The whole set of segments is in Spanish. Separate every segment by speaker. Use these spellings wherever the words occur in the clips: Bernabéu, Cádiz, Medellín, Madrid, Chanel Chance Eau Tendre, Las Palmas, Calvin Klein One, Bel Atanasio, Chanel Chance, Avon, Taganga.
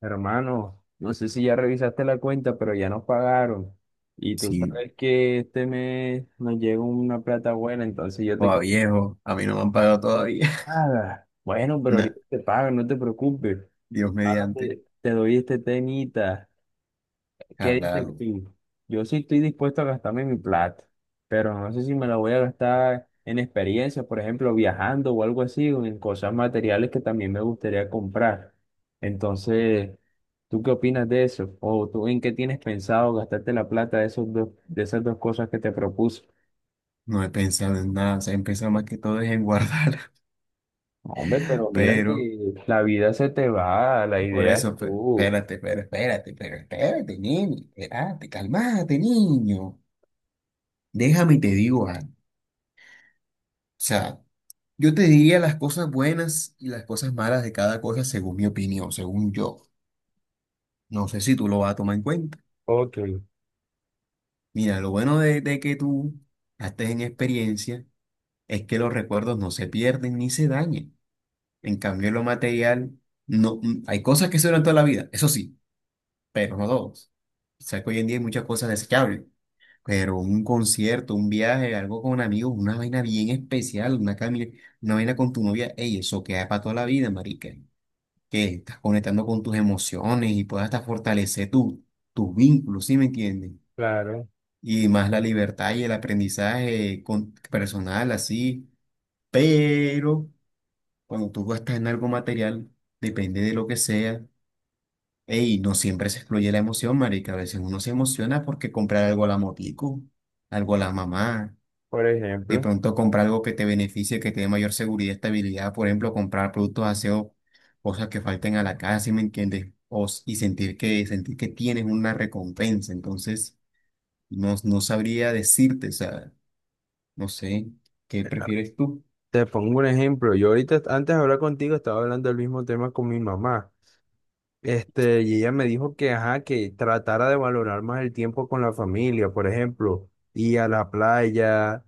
Speaker 1: Hermano, no sé si ya revisaste la cuenta, pero ya nos pagaron. Y tú
Speaker 2: Sí,
Speaker 1: sabes que este mes nos llega una plata buena, entonces yo te
Speaker 2: joda
Speaker 1: quedo
Speaker 2: viejo, a mí no me han pagado todavía.
Speaker 1: nada. Bueno, pero
Speaker 2: Nah,
Speaker 1: ahorita te pago, no te preocupes.
Speaker 2: Dios
Speaker 1: Ahora
Speaker 2: mediante,
Speaker 1: te doy este temita. ¿Qué dices
Speaker 2: háblalo.
Speaker 1: tú? Yo sí estoy dispuesto a gastarme mi plata, pero no sé si me la voy a gastar en experiencias, por ejemplo, viajando o algo así, o en cosas materiales que también me gustaría comprar. Entonces, ¿tú qué opinas de eso? ¿O tú en qué tienes pensado gastarte la plata de esos dos, de esas dos cosas que te propuse?
Speaker 2: No he pensado en nada, o sea, he pensado más que todo es en guardar.
Speaker 1: No, hombre, pero mira
Speaker 2: Pero,
Speaker 1: que la vida se te va, la
Speaker 2: por
Speaker 1: idea es
Speaker 2: eso,
Speaker 1: tú.
Speaker 2: espérate, pero espérate, pero espérate, niño, espérate, calmate, niño. Déjame y te digo algo. O sea, yo te diría las cosas buenas y las cosas malas de cada cosa según mi opinión, según yo. No sé si tú lo vas a tomar en cuenta.
Speaker 1: Ok,
Speaker 2: Mira, lo bueno de que tú estés en experiencia es que los recuerdos no se pierden ni se dañen. En cambio, lo material, no, hay cosas que se duran toda la vida, eso sí, pero no todos. O sea, que hoy en día hay muchas cosas desechables, pero un concierto, un viaje, algo con amigos, una vaina bien especial, una camina, una vaina con tu novia, ey, eso queda para toda la vida, marica. Que estás conectando con tus emociones y puedas hasta fortalecer tus vínculos, ¿sí me entiendes?
Speaker 1: claro.
Speaker 2: Y más la libertad y el aprendizaje con, personal, así. Pero cuando tú gastas en algo material, depende de lo que sea. Ey, no siempre se excluye la emoción, marica. A veces uno se emociona porque comprar algo a la motico, algo a la mamá.
Speaker 1: Por
Speaker 2: De
Speaker 1: ejemplo.
Speaker 2: pronto comprar algo que te beneficie, que te dé mayor seguridad y estabilidad. Por ejemplo, comprar productos de aseo, cosas que falten a la casa, ¿sí me entiendes? Y sentir que tienes una recompensa. Entonces, no, no sabría decirte, o sea, no sé, ¿qué prefieres tú?
Speaker 1: Te pongo un ejemplo. Yo ahorita, antes de hablar contigo, estaba hablando del mismo tema con mi mamá. Y ella me dijo que, ajá, que tratara de valorar más el tiempo con la familia, por ejemplo, ir a la playa,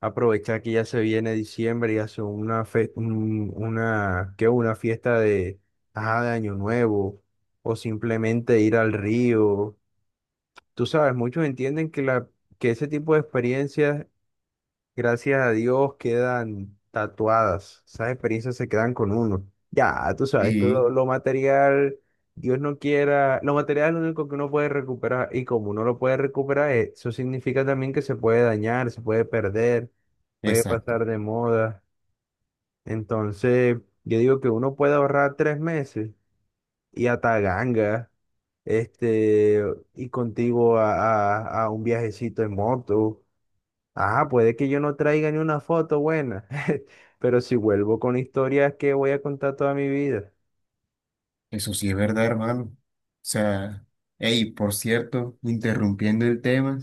Speaker 1: aprovechar que ya se viene diciembre y hace una, ¿qué? Una fiesta de, ajá, de Año Nuevo, o simplemente ir al río. Tú sabes, muchos entienden que que ese tipo de experiencias, gracias a Dios, quedan tatuadas. Esas experiencias se quedan con uno. Ya, tú sabes que
Speaker 2: Y,
Speaker 1: lo material, Dios no quiera, lo material es lo único que uno puede recuperar y como uno lo puede recuperar, eso significa también que se puede dañar, se puede perder, puede
Speaker 2: exacto.
Speaker 1: pasar de moda. Entonces, yo digo que uno puede ahorrar 3 meses y a Taganga, este, y contigo a, a un viajecito en moto. Ah, puede que yo no traiga ni una foto buena, pero si vuelvo con historias que voy a contar toda mi vida.
Speaker 2: Eso sí es verdad, hermano. O sea, hey, por cierto, interrumpiendo el tema,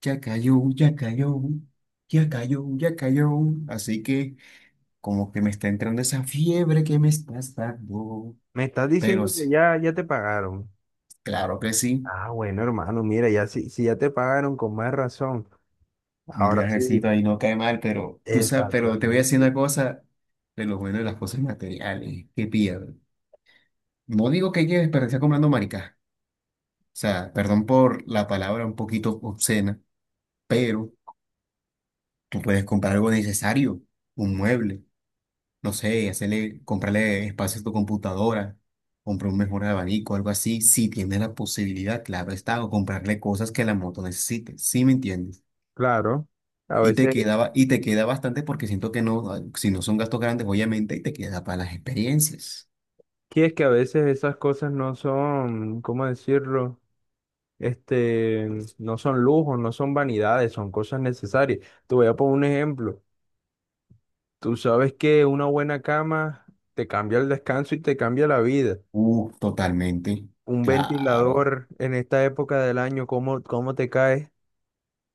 Speaker 2: ya cayó, ya cayó, ya cayó, ya cayó. Así que como que me está entrando esa fiebre que me estás dando.
Speaker 1: Me estás
Speaker 2: Pero
Speaker 1: diciendo
Speaker 2: sí,
Speaker 1: que ya te pagaron.
Speaker 2: claro que sí,
Speaker 1: Ah, bueno, hermano, mira, si ya te pagaron, con más razón.
Speaker 2: un
Speaker 1: Ahora
Speaker 2: viajecito
Speaker 1: sí,
Speaker 2: ahí no cae mal, pero tú sabes, pero te voy a decir una
Speaker 1: exactamente.
Speaker 2: cosa de lo bueno de las cosas materiales, que pilla. No digo que lleves, pero está comprando maricas. O sea, perdón por la palabra un poquito obscena, pero... Tú puedes comprar algo necesario, un mueble, no sé, hacerle, comprarle espacio a tu computadora, comprar un mejor abanico, algo así, si tienes la posibilidad, claro está, o comprarle cosas que la moto necesite, ¿sí me entiendes?
Speaker 1: Claro, a
Speaker 2: Y te
Speaker 1: veces,
Speaker 2: quedaba, y te queda bastante porque siento que no, si no son gastos grandes, obviamente, y te queda para las experiencias.
Speaker 1: que es que a veces esas cosas no son, ¿cómo decirlo? Este, no son lujos, no son vanidades, son cosas necesarias. Te voy a poner un ejemplo. Tú sabes que una buena cama te cambia el descanso y te cambia la vida.
Speaker 2: Totalmente,
Speaker 1: Un
Speaker 2: claro.
Speaker 1: ventilador en esta época del año, ¿cómo te caes?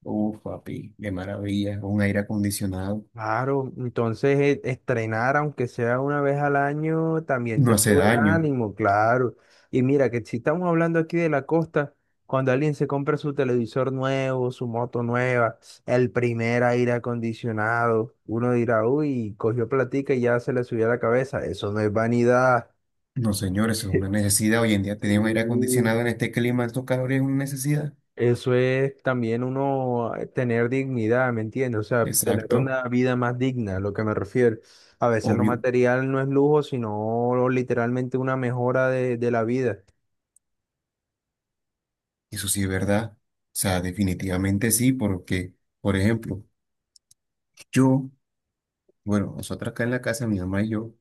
Speaker 2: Uf, papi, qué maravilla, un aire acondicionado,
Speaker 1: Claro, entonces estrenar, aunque sea una vez al año, también
Speaker 2: no
Speaker 1: te
Speaker 2: hace
Speaker 1: sube el
Speaker 2: daño.
Speaker 1: ánimo, claro. Y mira, que si estamos hablando aquí de la costa, cuando alguien se compra su televisor nuevo, su moto nueva, el primer aire acondicionado, uno dirá, uy, cogió platica y ya se le subió a la cabeza. Eso no es vanidad.
Speaker 2: No, señores, es una necesidad. Hoy en día tener un aire
Speaker 1: Sí.
Speaker 2: acondicionado en este clima, estos calores es una necesidad.
Speaker 1: Eso es también uno tener dignidad, ¿me entiendes? O sea, tener
Speaker 2: Exacto,
Speaker 1: una vida más digna, lo que me refiero. A veces lo
Speaker 2: obvio.
Speaker 1: material no es lujo, sino literalmente una mejora de la vida.
Speaker 2: Eso sí es verdad. O sea, definitivamente sí, porque, por ejemplo, yo, bueno, nosotros acá en la casa, mi mamá y yo,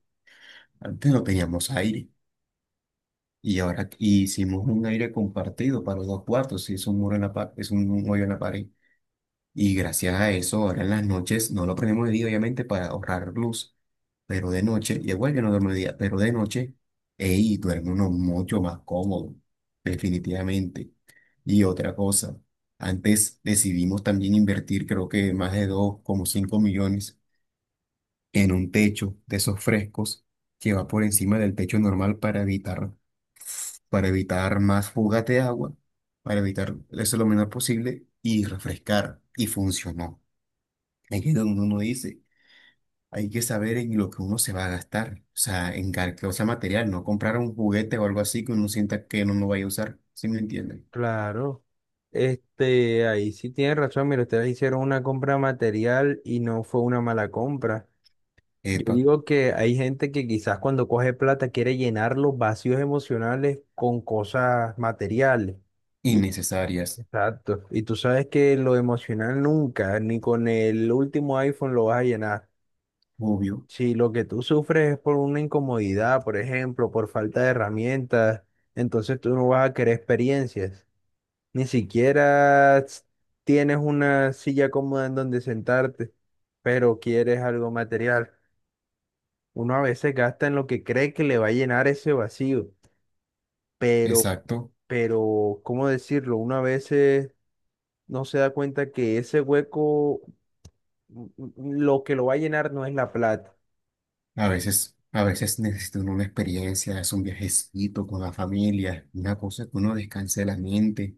Speaker 2: antes no teníamos aire. Y ahora hicimos un aire compartido para los dos cuartos. Sí, es un muro en la pared, es un hoyo en la pared. Y gracias a eso, ahora en las noches, no lo prendemos de día, obviamente, para ahorrar luz, pero de noche, y igual yo no duermo de día, pero de noche, ey, duerme uno mucho más cómodo, definitivamente. Y otra cosa, antes decidimos también invertir, creo que más de 2,5 millones en un techo de esos frescos que va por encima del techo normal para evitar, más fugas de agua, para evitar eso lo menor posible y refrescar. Y funcionó. Aquí que donde uno dice, hay que saber en lo que uno se va a gastar, o sea, material, no comprar un juguete o algo así que uno sienta que no lo vaya a usar, ¿sí me entienden?
Speaker 1: Claro. Ahí sí tienes razón, mira, ustedes hicieron una compra material y no fue una mala compra. Yo
Speaker 2: Epa,
Speaker 1: digo que hay gente que quizás cuando coge plata quiere llenar los vacíos emocionales con cosas materiales.
Speaker 2: innecesarias,
Speaker 1: Exacto. Y tú sabes que lo emocional nunca, ni con el último iPhone lo vas a llenar.
Speaker 2: obvio,
Speaker 1: Si lo que tú sufres es por una incomodidad, por ejemplo, por falta de herramientas, entonces tú no vas a querer experiencias. Ni siquiera s- Tienes una silla cómoda en donde sentarte, pero quieres algo material. Uno a veces gasta en lo que cree que le va a llenar ese vacío, pero,
Speaker 2: exacto.
Speaker 1: pero, ¿cómo decirlo? Uno a veces no se da cuenta que ese hueco, lo que lo va a llenar no es la plata.
Speaker 2: A veces necesita uno una experiencia, es un viajecito con la familia, una cosa que uno descanse la mente,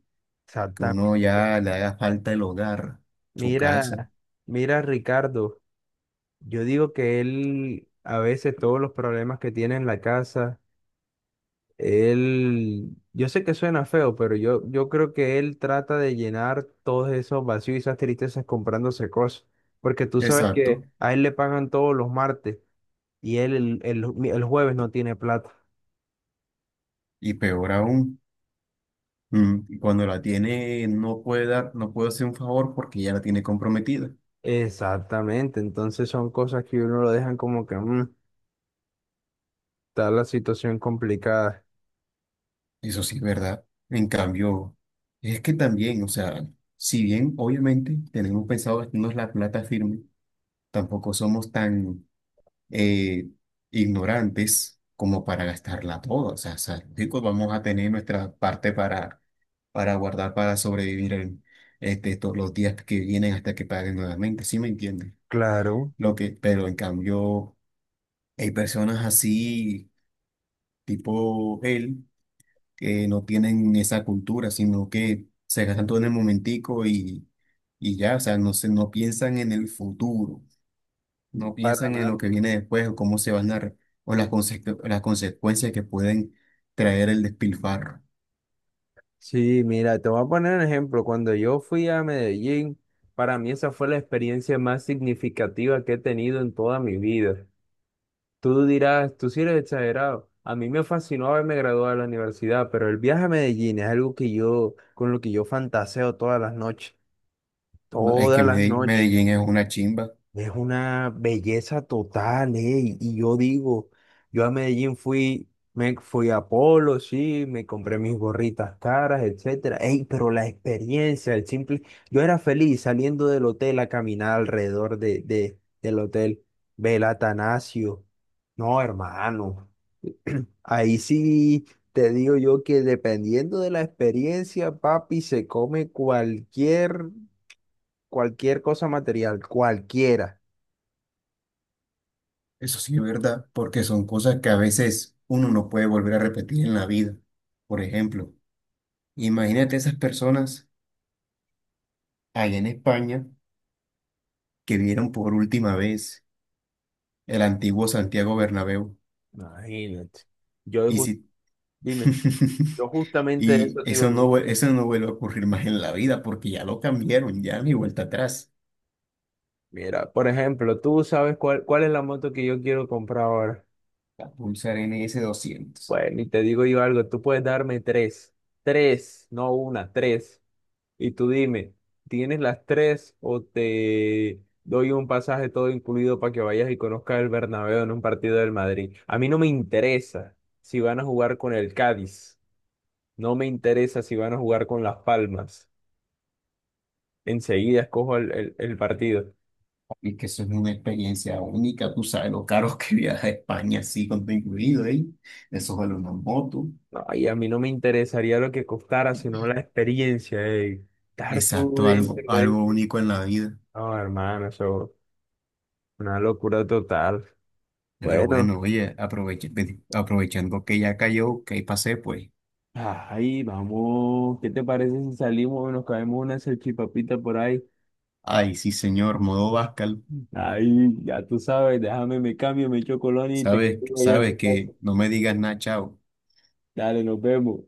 Speaker 2: que
Speaker 1: Exactamente.
Speaker 2: uno ya le haga falta el hogar, su casa,
Speaker 1: Mira, mira, Ricardo, yo digo que él, a veces todos los problemas que tiene en la casa, él, yo sé que suena feo, pero yo creo que él trata de llenar todos esos vacíos y esas tristezas comprándose cosas, porque tú sabes
Speaker 2: exacto.
Speaker 1: que a él le pagan todos los martes y el jueves no tiene plata.
Speaker 2: Y peor aún. Y cuando la tiene, no puede dar, no puede hacer un favor porque ya la tiene comprometida.
Speaker 1: Exactamente, entonces son cosas que uno lo dejan como que mm, está la situación complicada.
Speaker 2: Eso sí es verdad. En cambio, es que también, o sea, si bien obviamente tenemos pensado gastarnos la plata firme, tampoco somos tan eh, ignorantes como para gastarla toda. O sea, chicos, vamos a tener nuestra parte para, guardar, para sobrevivir en, este, todos los días que vienen hasta que paguen nuevamente. ¿Sí me entienden?
Speaker 1: Claro,
Speaker 2: Lo que, pero en cambio. Hay personas así, tipo él, que no tienen esa cultura, sino que se gastan todo en el momentico y, no piensan en el futuro, no
Speaker 1: para
Speaker 2: piensan en lo
Speaker 1: nada.
Speaker 2: que viene después o cómo se van o las consecuencias que pueden traer el despilfarro.
Speaker 1: Sí, mira, te voy a poner un ejemplo. Cuando yo fui a Medellín, para mí esa fue la experiencia más significativa que he tenido en toda mi vida. Tú dirás, tú sí eres exagerado. A mí me fascinó haberme graduado de la universidad, pero el viaje a Medellín es algo que yo, con lo que yo fantaseo todas las noches,
Speaker 2: Es que
Speaker 1: todas las noches.
Speaker 2: Medellín es una chimba,
Speaker 1: Es una belleza total, ¿eh? Y yo digo, yo a Medellín fui, me fui a Polo, sí, me compré mis gorritas caras, etcétera. Ey, pero la experiencia, el simple, yo era feliz saliendo del hotel a caminar alrededor del hotel Bel Atanasio. No, hermano, ahí sí te digo yo que dependiendo de la experiencia, papi, se come cualquier cosa material, cualquiera.
Speaker 2: eso sí es verdad, porque son cosas que a veces uno no puede volver a repetir en la vida. Por ejemplo, imagínate esas personas allá en España que vieron por última vez el antiguo Santiago Bernabéu.
Speaker 1: Imagínate. Yo,
Speaker 2: Y
Speaker 1: ju-
Speaker 2: si...
Speaker 1: dime, yo justamente de eso te iba.
Speaker 2: Eso no vuelve a ocurrir más en la vida porque ya lo cambiaron, ya ni vuelta atrás.
Speaker 1: Mira, por ejemplo, tú sabes cuál es la moto que yo quiero comprar ahora.
Speaker 2: La Pulsar NS 200.
Speaker 1: Bueno, y te digo yo algo, tú puedes darme tres, no una, tres. Y tú dime, ¿tienes las tres o te doy un pasaje todo incluido para que vayas y conozcas el Bernabéu en un partido del Madrid? A mí no me interesa si van a jugar con el Cádiz, no me interesa si van a jugar con Las Palmas. Enseguida escojo el partido.
Speaker 2: Y que eso es una experiencia única, tú sabes lo caro que viaja a España así con todo incluido, ¿eh? Eso vale una moto.
Speaker 1: No, y a mí no me interesaría lo que costara, sino la experiencia de estar tú
Speaker 2: Exacto, algo,
Speaker 1: dentro de
Speaker 2: algo
Speaker 1: este.
Speaker 2: único en la vida.
Speaker 1: No, hermano, eso una locura total.
Speaker 2: Pero
Speaker 1: Bueno,
Speaker 2: bueno, oye, aprovechando que ya cayó, que ahí pasé, pues.
Speaker 1: ay, vamos. ¿Qué te parece si salimos y nos caemos una salchipapita por ahí?
Speaker 2: Ay, sí, señor, modo Bascal.
Speaker 1: Ay, ya tú sabes, déjame, me cambio, me echo colonia y te
Speaker 2: Sabes,
Speaker 1: quedo allá en
Speaker 2: sabes
Speaker 1: tu casa.
Speaker 2: que no me digas nada, chao.
Speaker 1: Dale, nos vemos.